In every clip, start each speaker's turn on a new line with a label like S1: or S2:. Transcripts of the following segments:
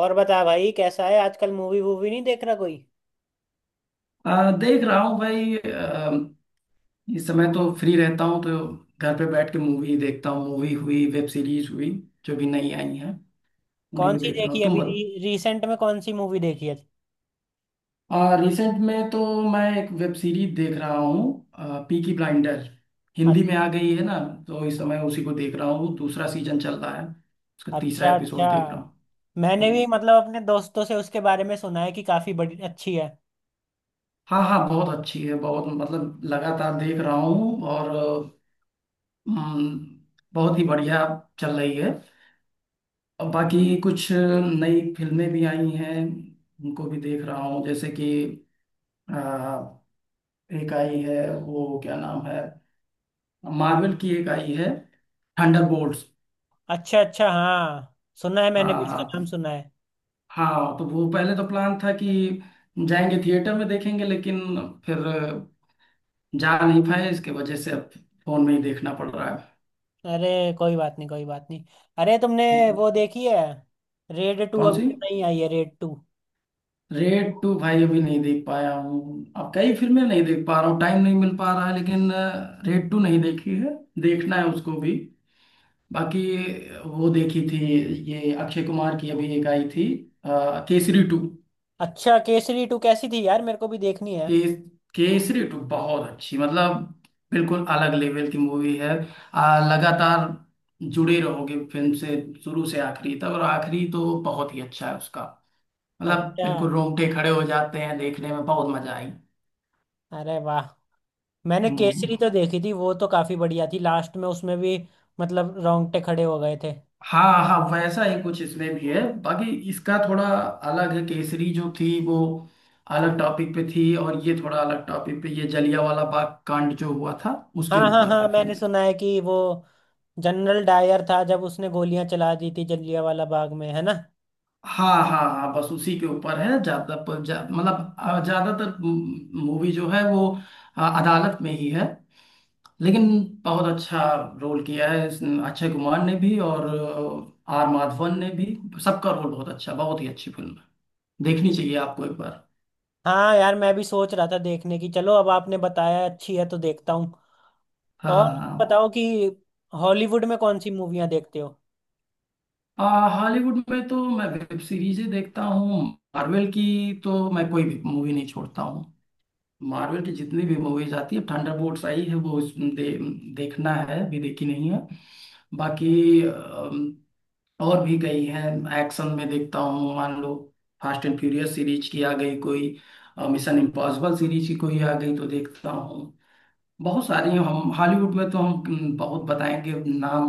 S1: और बता भाई, कैसा है आजकल? मूवी वूवी नहीं देख रहा कोई?
S2: देख रहा हूँ भाई, इस समय तो फ्री रहता हूँ तो घर पे बैठ के मूवी देखता हूँ। मूवी हुई वेब सीरीज हुई जो भी नई आई हैं उन्हीं
S1: कौन
S2: को
S1: सी
S2: देख रहा हूँ।
S1: देखी
S2: तुम
S1: अभी
S2: बताओ।
S1: रिसेंट में? कौन सी मूवी देखी है?
S2: रिसेंट में तो मैं एक वेब सीरीज देख रहा हूँ, पीकी ब्लाइंडर
S1: अ-
S2: हिंदी में आ गई है ना, तो इस समय उसी को देख रहा हूँ। दूसरा सीजन चल रहा है, उसका तीसरा
S1: अच्छा अच्छा।
S2: एपिसोड देख रहा हूँ।
S1: मैंने
S2: हम्म।
S1: भी मतलब अपने दोस्तों से उसके बारे में सुना है कि काफी बड़ी अच्छी है।
S2: हाँ हाँ, बहुत अच्छी है, बहुत मतलब लगातार देख रहा हूँ और हम्म, बहुत ही बढ़िया चल रही है। और बाकी कुछ नई फिल्में भी आई हैं, उनको भी देख रहा हूँ। जैसे कि अ, एक आई है, वो क्या नाम है, मार्वल की एक आई है, थंडरबोल्ट्स।
S1: अच्छा अच्छा, हाँ। सुना है, मैंने
S2: हाँ
S1: भी इसका नाम
S2: हाँ
S1: सुना है।
S2: हाँ, तो वो पहले तो प्लान था कि जाएंगे थिएटर में देखेंगे, लेकिन फिर जा नहीं पाए इसके वजह से, अब फोन में ही देखना पड़ रहा है।
S1: अरे, कोई बात नहीं, कोई बात नहीं। अरे तुमने वो देखी है रेड टू?
S2: कौन
S1: अभी
S2: सी?
S1: तो नहीं आई है रेड टू?
S2: रेड टू भाई अभी नहीं देख पाया हूँ, अब कई फिल्में नहीं देख पा रहा हूँ, टाइम नहीं मिल पा रहा है। लेकिन रेड टू नहीं देखी है, देखना है उसको भी। बाकी वो देखी थी, ये अक्षय कुमार की अभी एक आई थी, केसरी टू।
S1: अच्छा, केसरी टू कैसी थी यार? मेरे को भी देखनी है।
S2: के, केसरी टू बहुत अच्छी, मतलब बिल्कुल अलग लेवल की मूवी है। लगातार जुड़े रहोगे फिल्म से, शुरू से आखिरी तक, और आखिरी तो बहुत ही अच्छा है उसका, मतलब
S1: अच्छा,
S2: बिल्कुल रोंगटे खड़े हो जाते हैं, देखने में बहुत मजा
S1: अरे वाह। मैंने केसरी
S2: आई।
S1: तो देखी थी, वो तो काफी बढ़िया थी, लास्ट में उसमें भी मतलब रोंगटे खड़े हो गए थे।
S2: हाँ हाँ, वैसा ही कुछ इसमें भी है। बाकी इसका थोड़ा अलग है, केसरी जो थी वो अलग टॉपिक पे थी और ये थोड़ा अलग टॉपिक पे, ये जलियांवाला बाग कांड जो हुआ था, उसके
S1: हाँ हाँ
S2: ऊपर
S1: हाँ,
S2: है
S1: मैंने
S2: फिल्म।
S1: सुना है कि वो जनरल डायर था जब उसने गोलियां चला दी थी जलियांवाला बाग में, है ना?
S2: हाँ हाँ हाँ, बस उसी के ऊपर है ज्यादा, पर मतलब ज्यादातर मूवी जो है वो अदालत में ही है, लेकिन बहुत अच्छा रोल किया है अक्षय कुमार ने भी और आर माधवन ने भी। सबका रोल बहुत अच्छा, बहुत ही अच्छी फिल्म है, देखनी चाहिए आपको एक बार।
S1: हाँ यार, मैं भी सोच रहा था देखने की। चलो, अब आपने बताया अच्छी है तो देखता हूँ।
S2: हाँ
S1: और
S2: हाँ।
S1: बताओ कि हॉलीवुड में कौन सी मूवियाँ देखते हो?
S2: हॉलीवुड में तो मैं वेब सीरीजें देखता हूँ। मार्वल की तो मैं कोई भी मूवी नहीं छोड़ता हूँ। मार्वल की जितनी भी मूवीज आती है, थंडरबोल्ट्स आई है वो, देखना है, अभी देखी नहीं है। बाकी और भी गई है। एक्शन में देखता हूँ, मान लो फास्ट एंड फ्यूरियस सीरीज की आ गई कोई, मिशन इम्पॉसिबल सीरीज की कोई आ गई, तो देखता हूँ। बहुत सारी हैं, हम हॉलीवुड में तो, हम बहुत बताएंगे नाम,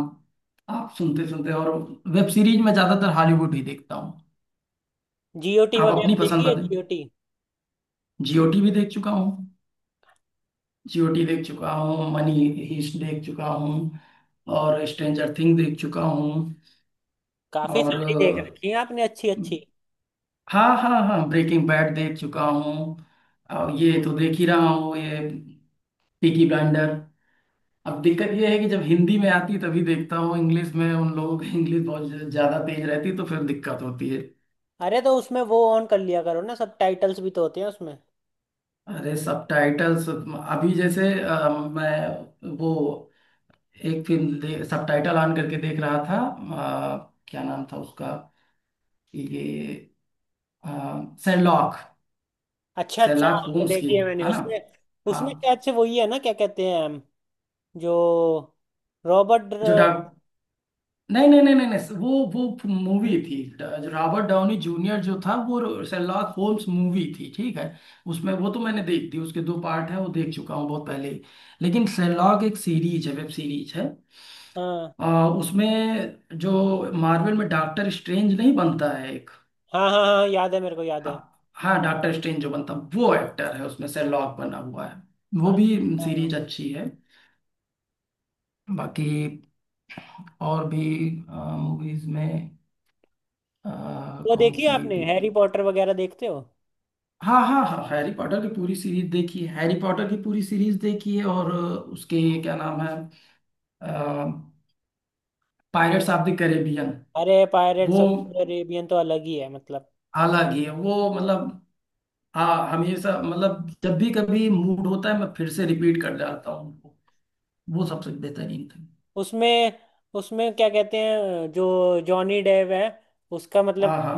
S2: आप सुनते सुनते। और वेब सीरीज में ज्यादातर हॉलीवुड ही देखता हूँ।
S1: जीओटी
S2: आप अपनी
S1: वगैरह
S2: पसंद
S1: देखी है?
S2: बताएं।
S1: जीओटी?
S2: जीओटी भी देख चुका हूँ, जीओटी देख चुका हूँ, मनी हीस्ट देख चुका हूँ और स्ट्रेंजर थिंग देख चुका हूँ।
S1: काफी
S2: और
S1: सारी देख रखी है आपने, अच्छी अच्छी।
S2: हाँ हाँ हाँ, ब्रेकिंग बैड देख चुका हूँ। और ये तो देख ही रहा हूँ, ये पीकी ब्लाइंडर। अब दिक्कत ये है कि जब हिंदी में आती तभी देखता हूँ, इंग्लिश में उन लोगों की इंग्लिश बहुत ज्यादा तेज रहती, तो फिर दिक्कत होती है।
S1: अरे, तो उसमें वो ऑन कर लिया करो ना, सब टाइटल्स भी तो होते हैं उसमें।
S2: अरे सबटाइटल्स अभी जैसे मैं वो एक फिल्म सबटाइटल ऑन करके देख रहा था, क्या नाम था उसका, ये शेरलॉक,
S1: अच्छा अच्छा,
S2: शेरलॉक
S1: हाँ,
S2: होम्स की,
S1: देखी है मैंने
S2: है ना।
S1: उसमें।
S2: हाँ,
S1: उसमें शायद से वही है ना, क्या कहते हैं हम, जो रॉबर्ट।
S2: जो डॉक, नहीं नहीं नहीं नहीं नहीं, वो मूवी थी, जो रॉबर्ट डाउनी जूनियर जो था वो, शेरलॉक होम्स मूवी थी, ठीक है। उसमें वो तो मैंने देख दी, उसके दो पार्ट है, वो देख चुका हूँ बहुत पहले ही। लेकिन शेरलॉक एक सीरीज है, वेब सीरीज है।
S1: हाँ
S2: उसमें जो मार्वल में डॉक्टर स्ट्रेंज नहीं बनता है एक,
S1: हाँ हाँ हाँ, याद है, मेरे को याद
S2: हाँ
S1: है।
S2: हाँ, डॉक्टर स्ट्रेंज जो बनता वो एक्टर है, उसमें शेरलॉक बना हुआ है वो भी,
S1: अच्छा।
S2: सीरीज अच्छी है। बाकी और भी मूवीज में अ,
S1: वो
S2: कौन
S1: देखी है
S2: सी
S1: आपने?
S2: देख,
S1: हैरी पॉटर वगैरह देखते हो?
S2: हाँ हाँ हाँ, हैरी पॉटर की पूरी सीरीज देखी है, हैरी पॉटर की पूरी सीरीज देखी है और उसके क्या नाम है, पायरेट्स ऑफ द कैरेबियन।
S1: अरे पायरेट्स
S2: वो
S1: ऑफ कैरेबियन तो अलग ही है मतलब।
S2: अलग ही है, वो मतलब, हाँ, हमेशा, मतलब जब भी कभी मूड होता है मैं फिर से रिपीट कर जाता हूँ उनको, वो सबसे बेहतरीन थी।
S1: उसमें उसमें क्या कहते हैं, जो जॉनी डेव है, उसका मतलब
S2: हाँ हाँ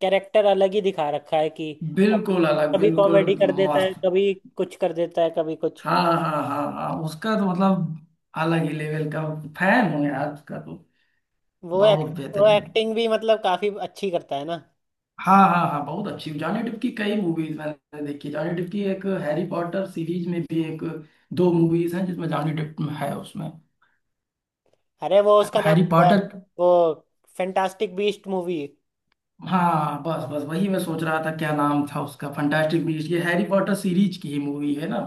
S1: कैरेक्टर अलग ही दिखा रखा है कि
S2: बिल्कुल अलग,
S1: कभी
S2: बिल्कुल
S1: कॉमेडी कर देता है,
S2: मस्त।
S1: कभी कुछ कर देता है, कभी कुछ।
S2: हाँ हाँ हाँ हाँ उसका तो मतलब अलग ही लेवल का फैन हूँ यार उसका तो,
S1: वो एक,
S2: बहुत
S1: वो
S2: बेहतरीन।
S1: एक्टिंग भी मतलब काफी अच्छी करता है ना?
S2: हाँ हाँ हाँ बहुत अच्छी। जॉनी डिप की कई मूवीज मैंने देखी, जॉनी डिप की एक, हैरी पॉटर सीरीज में भी एक दो मूवीज हैं जिसमें जॉनी डिप है उसमें।
S1: अरे वो उसका नाम
S2: हैरी
S1: क्या है,
S2: पॉटर,
S1: वो फैंटास्टिक बीस्ट मूवी।
S2: हाँ बस बस, वही मैं सोच रहा था, क्या नाम था उसका, फंटास्टिक बीस्ट, ये हैरी पॉटर सीरीज की ही मूवी है ना,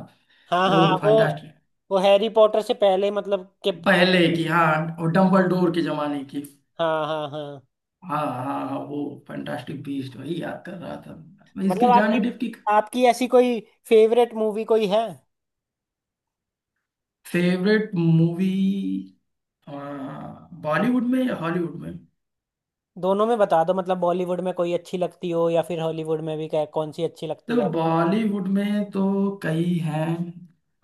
S1: हाँ हाँ
S2: तो
S1: हाँ, वो
S2: फंटास्टिक,
S1: वो हैरी पॉटर से पहले मतलब के, वो।
S2: पहले की, हाँ, और डम्बल डोर के जमाने की,
S1: हाँ हाँ हाँ।
S2: हाँ हाँ हाँ वो फंटास्टिक बीस्ट वही याद कर रहा था मैं।
S1: मतलब
S2: इसके जॉनी
S1: आपकी
S2: डिप की।
S1: आपकी ऐसी कोई फेवरेट मूवी कोई है?
S2: फेवरेट मूवी बॉलीवुड में या हॉलीवुड में?
S1: दोनों में बता दो, मतलब बॉलीवुड में कोई अच्छी लगती हो, या फिर हॉलीवुड में भी, क्या, कौन सी अच्छी लगती
S2: देखो
S1: है?
S2: बॉलीवुड में तो कई हैं।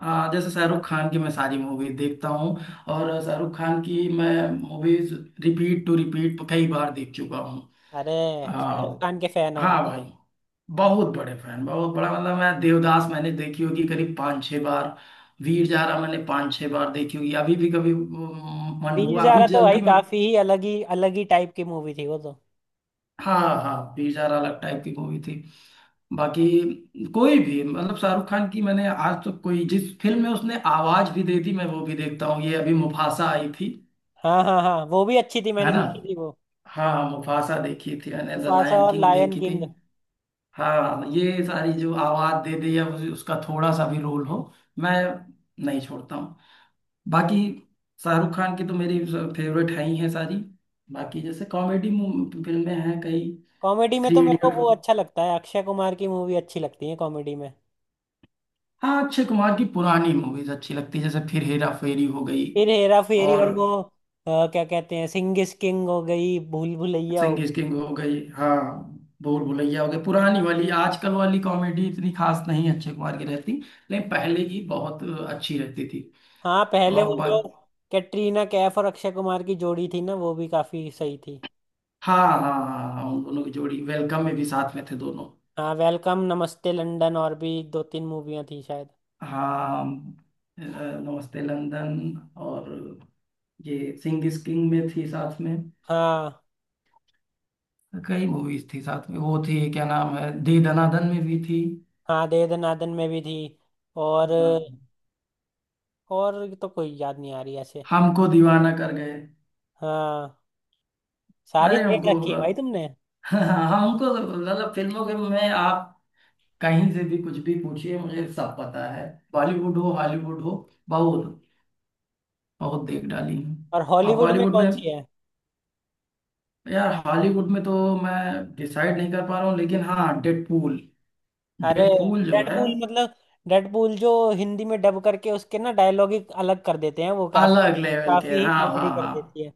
S2: जैसे शाहरुख खान की मैं सारी मूवी देखता हूँ, और शाहरुख खान की मैं मूवीज रिपीट टू रिपीट कई बार देख चुका हूँ।
S1: अरे,
S2: आ,
S1: शाहरुख खान के फैन हो?
S2: हाँ भाई, बहुत बड़े फैन, बहुत बड़ा, मतलब मैं देवदास मैंने देखी होगी करीब पाँच छः बार, वीर जारा मैंने पाँच छः बार देखी होगी। अभी भी कभी मन
S1: वीर
S2: हुआ अभी
S1: ज़ारा तो भाई
S2: जल्दी में,
S1: काफी ही अलग ही अलग ही टाइप की मूवी थी वो तो।
S2: हाँ हाँ, बेजार अलग टाइप की मूवी थी। बाकी कोई भी, मतलब शाहरुख खान की, मैंने आज तक कोई, जिस फिल्म में उसने आवाज भी दे दी, मैं वो भी देखता हूँ। ये अभी मुफासा आई थी,
S1: हाँ हाँ हाँ, वो भी अच्छी थी,
S2: है
S1: मैंने
S2: ना।
S1: देखी थी वो।
S2: हाँ मुफासा देखी थी मैंने, द
S1: मुफासा
S2: लायन
S1: और
S2: किंग
S1: लायन
S2: देखी थी।
S1: किंग।
S2: हाँ ये सारी जो आवाज दे दे या उसका थोड़ा सा भी रोल हो, मैं नहीं छोड़ता हूँ। बाकी शाहरुख खान की तो मेरी फेवरेट है ही है सारी। बाकी जैसे कॉमेडी फिल्में हैं कई,
S1: कॉमेडी में तो
S2: थ्री
S1: मेरे को
S2: इडियट।
S1: वो अच्छा लगता है, अक्षय कुमार की मूवी अच्छी लगती है कॉमेडी में।
S2: हाँ, अक्षय कुमार की पुरानी मूवीज अच्छी लगती है, जैसे फिर हेरा फेरी हो गई
S1: फिर हेरा फेरी,
S2: और
S1: और वो क्या कहते हैं, सिंह इज किंग हो गई, भूल भुलैया हो
S2: सिंह
S1: गई।
S2: इज किंग हो गई, हाँ, भूल भुलैया हो गई। पुरानी वाली, आजकल वाली कॉमेडी इतनी खास नहीं अक्षय कुमार की रहती, लेकिन पहले की बहुत अच्छी रहती थी।
S1: हाँ, पहले वो
S2: और
S1: जो
S2: बात,
S1: कैटरीना कैफ और अक्षय कुमार की जोड़ी थी ना, वो भी काफी सही थी।
S2: हाँ हाँ हाँ हाँ, उन दोनों की जोड़ी वेलकम में भी साथ में थे दोनों।
S1: हाँ, वेलकम, नमस्ते लंदन, और भी दो तीन मूवियाँ थी शायद।
S2: हाँ, नमस्ते लंदन और ये सिंह इज किंग में थी साथ में,
S1: हाँ,
S2: कई मूवीज थी साथ में, वो थी क्या नाम है, दे दनादन में भी थी।
S1: हाँ दे दनादन में भी थी। और
S2: हाँ,
S1: और तो कोई याद नहीं आ रही ऐसे।
S2: हमको दीवाना कर गए।
S1: हाँ, सारी
S2: अरे,
S1: देख
S2: हमको
S1: रखी है भाई तुमने।
S2: हमको तो, मतलब फिल्मों के में आप कहीं से भी कुछ भी पूछिए मुझे सब पता है, बॉलीवुड हो हॉलीवुड हो, बहुत बहुत देख डाली हूँ।
S1: और
S2: अब
S1: हॉलीवुड में
S2: बॉलीवुड
S1: कौन
S2: में,
S1: सी है?
S2: यार हॉलीवुड में तो मैं डिसाइड नहीं कर पा रहा हूँ, लेकिन हाँ, डेडपूल,
S1: अरे
S2: डेडपूल जो है,
S1: डेडपूल! मतलब डेडपूल जो हिंदी में डब करके उसके ना डायलॉग ही अलग कर देते हैं, वो काफी
S2: अलग लेवल के,
S1: काफी ही
S2: हाँ हाँ
S1: कॉमेडी कर
S2: हाँ,
S1: देती है।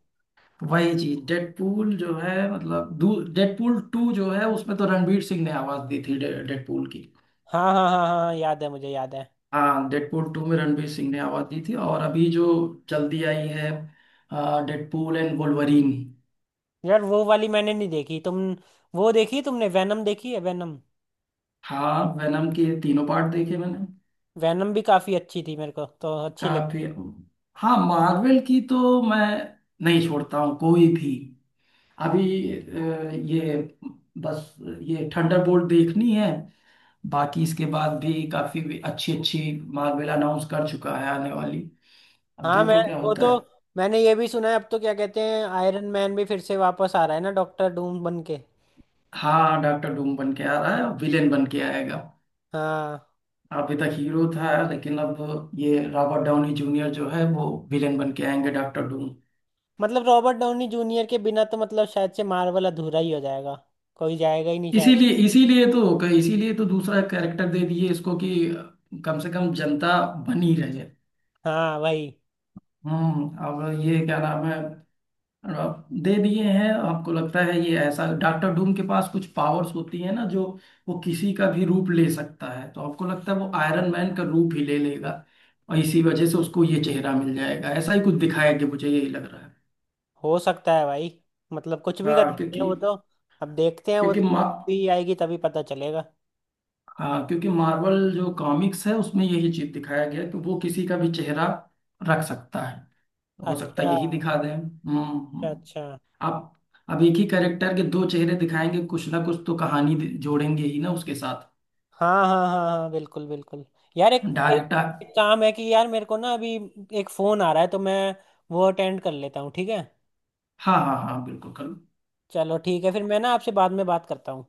S2: वही चीज। डेडपूल जो है, मतलब डेडपूल टू जो है उसमें तो रणवीर सिंह ने आवाज दी थी डेडपूल की।
S1: हाँ हाँ हाँ हाँ हाँ, याद है मुझे, याद है।
S2: हाँ डेडपूल टू में रणवीर सिंह ने आवाज दी थी, और अभी जो जल्दी आई है, डेडपूल एंड वुल्वरीन।
S1: यार, वो वाली मैंने नहीं देखी। तुम वो देखी, तुमने वैनम देखी है, वैनम?
S2: हाँ, वेनम के तीनों पार्ट देखे मैंने,
S1: वैनम भी काफी अच्छी थी, मेरे को तो अच्छी
S2: काफी।
S1: लगी थी।
S2: हाँ मार्वल की तो मैं नहीं छोड़ता हूँ कोई भी। अभी ये बस, ये थंडरबोल्ट देखनी है। बाकी इसके बाद भी काफी अच्छी अच्छी मार्वल अनाउंस कर चुका है आने वाली, अब
S1: हाँ, मैं
S2: देखो क्या
S1: वो
S2: होता
S1: तो।
S2: है।
S1: मैंने ये भी सुना है अब तो, क्या कहते हैं, आयरन मैन भी फिर से वापस आ रहा है ना डॉक्टर डूम बन के?
S2: हाँ डॉक्टर डूम बन के आ रहा है, विलेन बन के आएगा।
S1: हाँ,
S2: अभी तक हीरो था, लेकिन अब ये रॉबर्ट डाउनी जूनियर जो है वो विलेन बन के आएंगे, डॉक्टर डूम।
S1: मतलब रॉबर्ट डाउनी जूनियर के बिना तो मतलब शायद से मार्वल अधूरा ही हो जाएगा, कोई जाएगा ही नहीं शायद।
S2: इसीलिए, इसीलिए तो इसीलिए तो दूसरा कैरेक्टर दे दिए इसको, कि कम से कम जनता बनी रहे।
S1: हाँ भाई।
S2: अब ये क्या नाम है, अब दे दिए हैं। आपको लगता है ये, ऐसा डॉक्टर डूम के पास कुछ पावर्स होती है ना जो, वो किसी का भी रूप ले सकता है, तो आपको लगता है वो आयरन मैन का रूप ही ले लेगा और इसी वजह से उसको ये चेहरा मिल जाएगा, ऐसा ही कुछ दिखाया, कि मुझे यही लग रहा है।
S1: हो सकता है भाई, मतलब कुछ भी कर
S2: हाँ
S1: सकते हैं
S2: क्योंकि
S1: वो तो। अब देखते हैं, वो
S2: क्योंकि
S1: तो
S2: मा
S1: भी आएगी तभी पता चलेगा।
S2: हाँ क्योंकि मार्वल जो कॉमिक्स है उसमें यही चीज दिखाया गया है, कि वो किसी का भी चेहरा रख सकता है। हो सकता है
S1: अच्छा
S2: यही
S1: अच्छा।
S2: दिखा दें। हम्म,
S1: अच्छा,
S2: आप, अब एक ही कैरेक्टर के दो चेहरे दिखाएंगे, कुछ ना कुछ तो कहानी जोड़ेंगे ही ना उसके साथ।
S1: हाँ हाँ हाँ हाँ, बिल्कुल बिल्कुल। यार, एक, एक
S2: डायरेक्टर,
S1: एक काम है कि यार मेरे को ना अभी एक फोन आ रहा है तो मैं वो अटेंड कर लेता हूँ, ठीक है?
S2: हाँ हाँ हाँ बिल्कुल करो।
S1: चलो ठीक है, फिर मैं ना आपसे बाद में बात करता हूँ।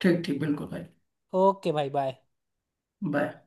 S2: ठीक ठीक, बिल्कुल भाई।
S1: ओके भाई, बाय।
S2: बाय।